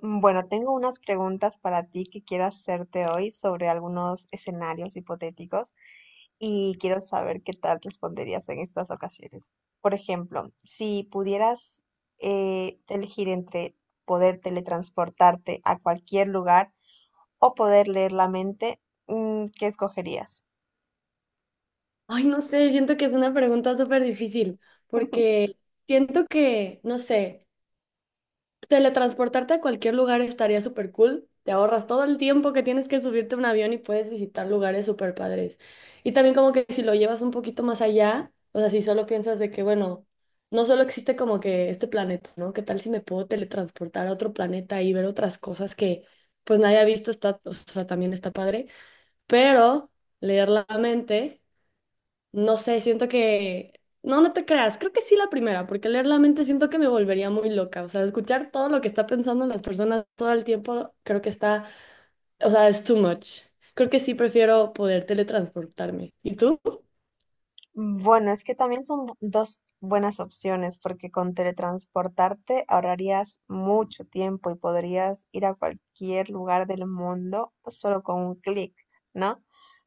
Bueno, tengo unas preguntas para ti que quiero hacerte hoy sobre algunos escenarios hipotéticos y quiero saber qué tal responderías en estas ocasiones. Por ejemplo, si pudieras elegir entre poder teletransportarte a cualquier lugar o poder leer la mente, ¿qué escogerías? Ay, no sé, siento que es una pregunta súper difícil, porque siento que, no sé, teletransportarte a cualquier lugar estaría súper cool. Te ahorras todo el tiempo que tienes que subirte a un avión y puedes visitar lugares súper padres. Y también como que si lo llevas un poquito más allá, o sea, si solo piensas de que, bueno, no solo existe como que este planeta, ¿no? ¿Qué tal si me puedo teletransportar a otro planeta y ver otras cosas que pues nadie ha visto? Está, o sea, también está padre, pero leer la mente. No sé, siento que... No, no te creas, creo que sí la primera, porque leer la mente siento que me volvería muy loca. O sea, escuchar todo lo que está pensando las personas todo el tiempo, creo que está... O sea, es too much. Creo que sí prefiero poder teletransportarme. ¿Y tú? Bueno, es que también son dos buenas opciones porque con teletransportarte ahorrarías mucho tiempo y podrías ir a cualquier lugar del mundo solo con un clic, ¿no?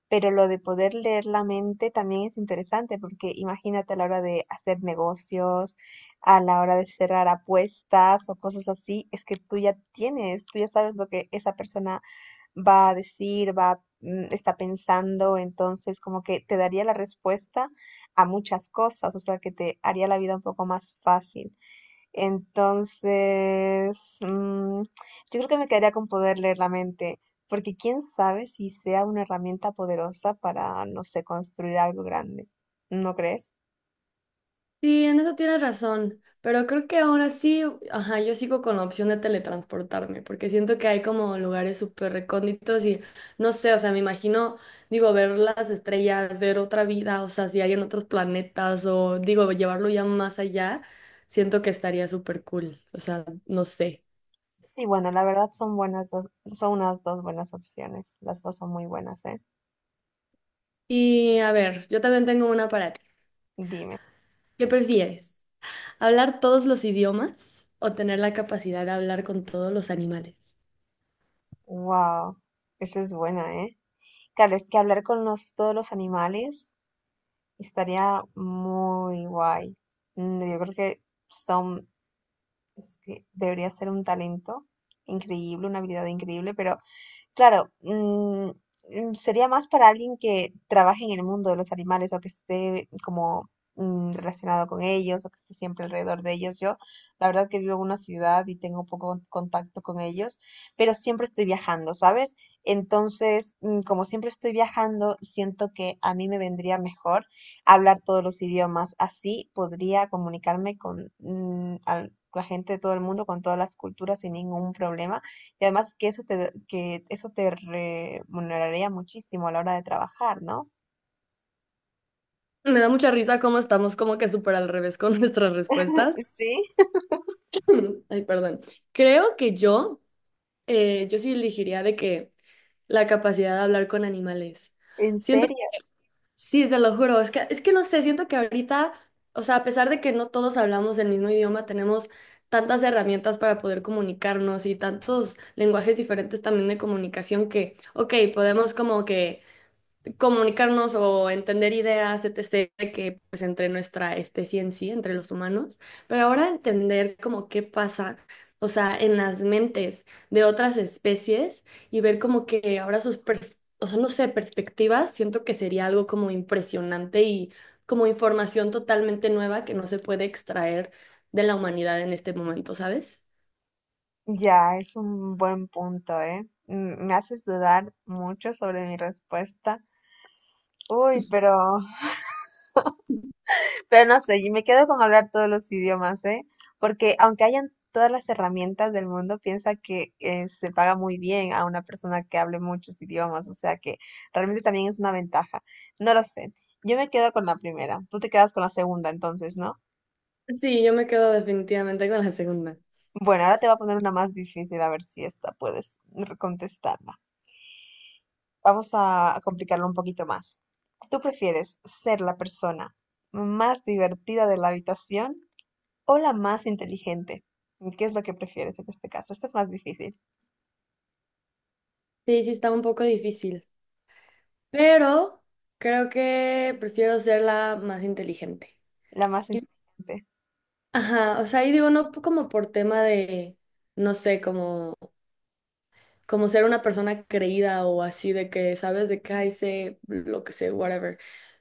Pero lo de poder leer la mente también es interesante porque imagínate a la hora de hacer negocios, a la hora de cerrar apuestas o cosas así, es que tú ya sabes lo que esa persona va a decir, va, mm, está pensando, entonces como que te daría la respuesta a muchas cosas, o sea, que te haría la vida un poco más fácil. Entonces, yo creo que me quedaría con poder leer la mente, porque quién sabe si sea una herramienta poderosa para, no sé, construir algo grande. ¿No crees? Sí, en eso tienes razón, pero creo que ahora sí, ajá, yo sigo con la opción de teletransportarme, porque siento que hay como lugares súper recónditos y no sé, o sea, me imagino, digo, ver las estrellas, ver otra vida, o sea, si hay en otros planetas o digo, llevarlo ya más allá, siento que estaría súper cool, o sea, no sé. Sí, bueno, la verdad son buenas dos, son unas dos buenas opciones. Las dos son muy buenas, ¿eh? Y a ver, yo también tengo una para ti. Dime. ¿Qué prefieres? ¿Hablar todos los idiomas o tener la capacidad de hablar con todos los animales? Wow, esa es buena, ¿eh? Claro, es que todos los animales. Estaría muy guay. Yo creo que son, es que debería ser un talento increíble, una habilidad increíble, pero claro, sería más para alguien que trabaje en el mundo de los animales o que esté como relacionado con ellos o que esté siempre alrededor de ellos. Yo, la verdad que vivo en una ciudad y tengo poco contacto con ellos, pero siempre estoy viajando, ¿sabes? Entonces, como siempre estoy viajando, siento que a mí me vendría mejor hablar todos los idiomas. Así podría comunicarme con la gente de todo el mundo, con todas las culturas sin ningún problema y además que eso te remuneraría muchísimo a la hora de trabajar, ¿no? Me da mucha risa cómo estamos como que súper al revés con nuestras respuestas. Sí, Ay, perdón. Creo que yo, yo sí elegiría de que la capacidad de hablar con animales. ¿en Siento, serio? sí, te lo juro, es que no sé, siento que ahorita, o sea, a pesar de que no todos hablamos el mismo idioma, tenemos tantas herramientas para poder comunicarnos y tantos lenguajes diferentes también de comunicación que, ok, podemos como que comunicarnos o entender ideas, etc., que pues entre nuestra especie en sí, entre los humanos, pero ahora entender como qué pasa, o sea, en las mentes de otras especies y ver como que ahora sus, o sea, no sé, perspectivas, siento que sería algo como impresionante y como información totalmente nueva que no se puede extraer de la humanidad en este momento, ¿sabes? Ya, es un buen punto, ¿eh? Me haces dudar mucho sobre mi respuesta. Uy, pero no sé, yo me quedo con hablar todos los idiomas, ¿eh? Porque aunque hayan todas las herramientas del mundo, piensa que se paga muy bien a una persona que hable muchos idiomas, o sea que realmente también es una ventaja. No lo sé. Yo me quedo con la primera. Tú te quedas con la segunda, entonces, ¿no? Sí, yo me quedo definitivamente con la segunda. Bueno, ahora te voy a poner una más difícil, a ver si esta puedes contestarla. Vamos a complicarlo un poquito más. ¿Tú prefieres ser la persona más divertida de la habitación o la más inteligente? ¿Qué es lo que prefieres en este caso? Esta es más difícil. Sí, sí, está un poco difícil, pero creo que prefiero ser la más inteligente. La más Y- inteligente. Ajá, o sea, y digo, no p- como por tema de, no sé, como, como ser una persona creída o así de que sabes de que ay, sé lo que sé, whatever.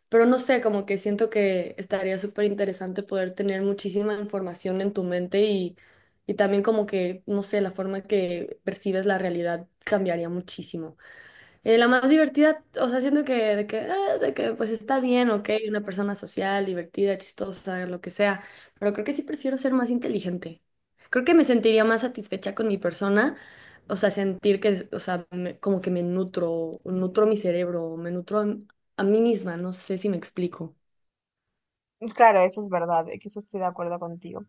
Pero no sé, como que siento que estaría súper interesante poder tener muchísima información en tu mente y también como que, no sé, la forma que percibes la realidad cambiaría muchísimo. La más divertida, o sea, siento que, de que, ah, de que pues está bien, ok, una persona social, divertida, chistosa, lo que sea, pero creo que sí prefiero ser más inteligente. Creo que me sentiría más satisfecha con mi persona, o sea, sentir que, o sea, como que me nutro, nutro mi cerebro, me nutro a mí misma, no sé si me explico. Claro, eso es verdad, que eso estoy de acuerdo contigo.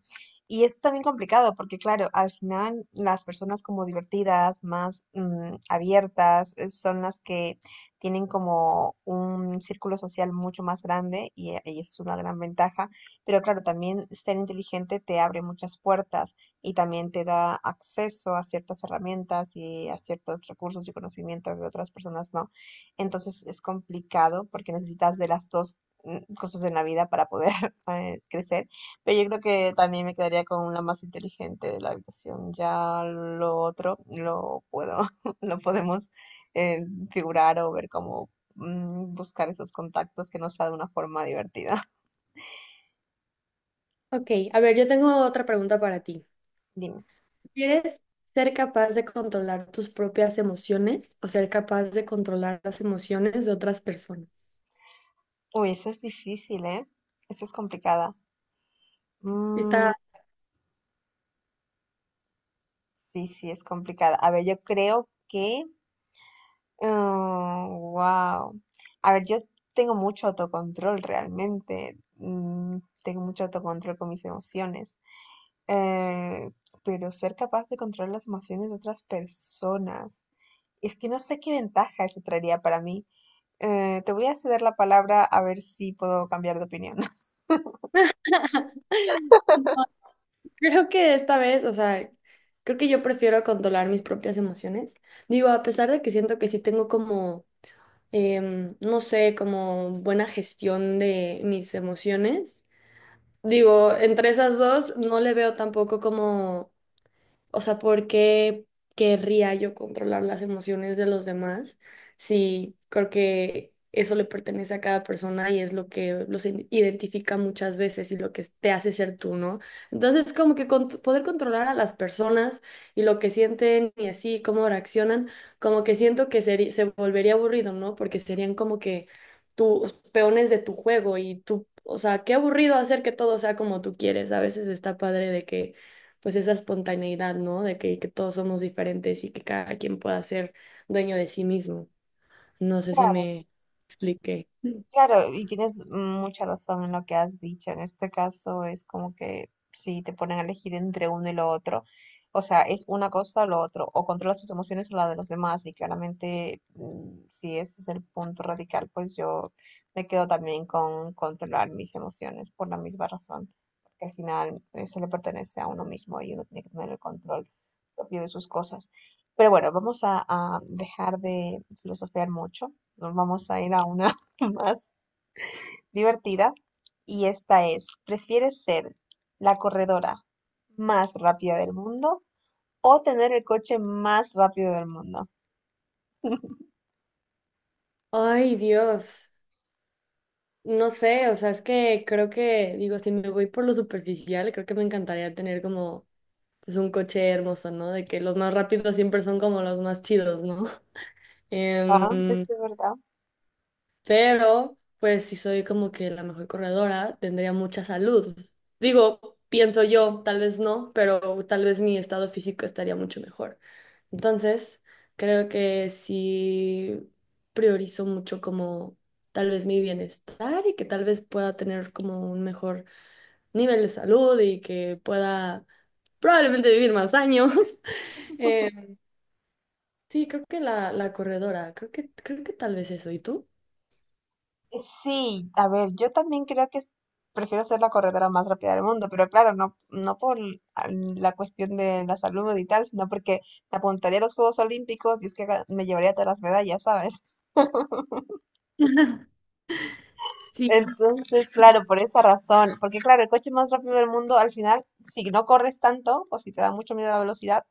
Y es también complicado porque, claro, al final las personas como divertidas, más abiertas, son las que tienen como un círculo social mucho más grande y eso es una gran ventaja. Pero claro, también ser inteligente te abre muchas puertas y también te da acceso a ciertas herramientas y a ciertos recursos y conocimientos que otras personas no. Entonces es complicado porque necesitas de las dos cosas en la vida para poder crecer, pero yo creo que también me quedaría con la más inteligente de la habitación. Ya lo otro lo puedo, lo podemos eh, figurar o ver cómo buscar esos contactos que nos da de una forma divertida. Ok, a ver, yo tengo otra pregunta para ti. Dime. ¿Quieres ser capaz de controlar tus propias emociones o ser capaz de controlar las emociones de otras personas? Uy, esa es difícil, ¿eh? Esa es complicada. Sí Mm, está. sí, sí, es complicada. A ver, yo creo que wow. A ver, yo tengo mucho autocontrol realmente. Tengo mucho autocontrol con mis emociones. eh, pero ser capaz de controlar las emociones de otras personas, es que no sé qué ventaja eso traería para mí. Te voy a ceder la palabra a ver si puedo cambiar de opinión. Creo que esta vez, o sea, creo que yo prefiero controlar mis propias emociones. Digo, a pesar de que siento que sí tengo como, no sé, como buena gestión de mis emociones. Digo, entre esas dos no le veo tampoco como, o sea, ¿por qué querría yo controlar las emociones de los demás? Sí, creo que eso le pertenece a cada persona y es lo que los identifica muchas veces y lo que te hace ser tú, ¿no? Entonces, como que poder controlar a las personas y lo que sienten y así, cómo reaccionan, como que siento que se volvería aburrido, ¿no? Porque serían como que tus peones de tu juego y tú, o sea, qué aburrido hacer que todo sea como tú quieres. A veces está padre de que pues esa espontaneidad, ¿no? De que todos somos diferentes y que cada quien pueda ser dueño de sí mismo. No sé si me expliqué. Claro, y tienes mucha razón en lo que has dicho. En este caso es como que si te ponen a elegir entre uno y lo otro, o sea, es una cosa o lo otro, o controlas tus emociones o la de los demás, y claramente si ese es el punto radical, pues yo me quedo también con controlar mis emociones por la misma razón, porque al final eso le pertenece a uno mismo y uno tiene que tener el control propio de sus cosas. Pero bueno, a dejar de filosofear mucho, nos vamos a ir a una más divertida y esta es, ¿prefieres ser la corredora más rápida del mundo o tener el coche más rápido del mundo? Ay, Dios. No sé, o sea, es que creo que, digo, si me voy por lo superficial, creo que me encantaría tener como, pues, un coche hermoso, ¿no? De que los más rápidos siempre son como los más chidos, ¿no? Ah, Em, eso es verdad. Pero, pues, si soy como que la mejor corredora, tendría mucha salud. Digo, pienso yo, tal vez no, pero tal vez mi estado físico estaría mucho mejor. Entonces, creo que sí priorizo mucho como tal vez mi bienestar y que tal vez pueda tener como un mejor nivel de salud y que pueda probablemente vivir más años. Eh, sí, creo que la corredora, creo que tal vez eso. ¿Y tú? Sí, a ver, yo también creo que prefiero ser la corredora más rápida del mundo, pero claro, no por la cuestión de la salud y tal, sino porque me apuntaría a los Juegos Olímpicos y es que me llevaría todas las medallas, ¿sabes? Sí. Entonces, claro, por esa razón, porque claro, el coche más rápido del mundo, al final, si no corres tanto o si te da mucho miedo la velocidad,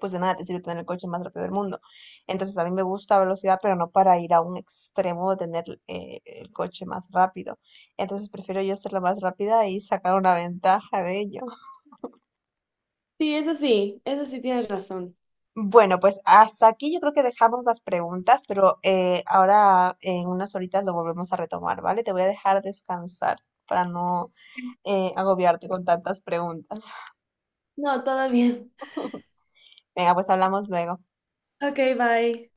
pues de nada te sirve tener el coche más rápido del mundo. Entonces, a mí me gusta velocidad, pero no para ir a un extremo de tener el coche más rápido. Entonces, prefiero yo ser la más rápida y sacar una ventaja de ello. Sí, eso sí, eso sí tienes razón. Bueno, pues hasta aquí yo creo que dejamos las preguntas, pero ahora en unas horitas lo volvemos a retomar, ¿vale? Te voy a dejar descansar para no agobiarte con tantas preguntas. No, todo bien. Venga, pues hablamos luego. Ok, bye.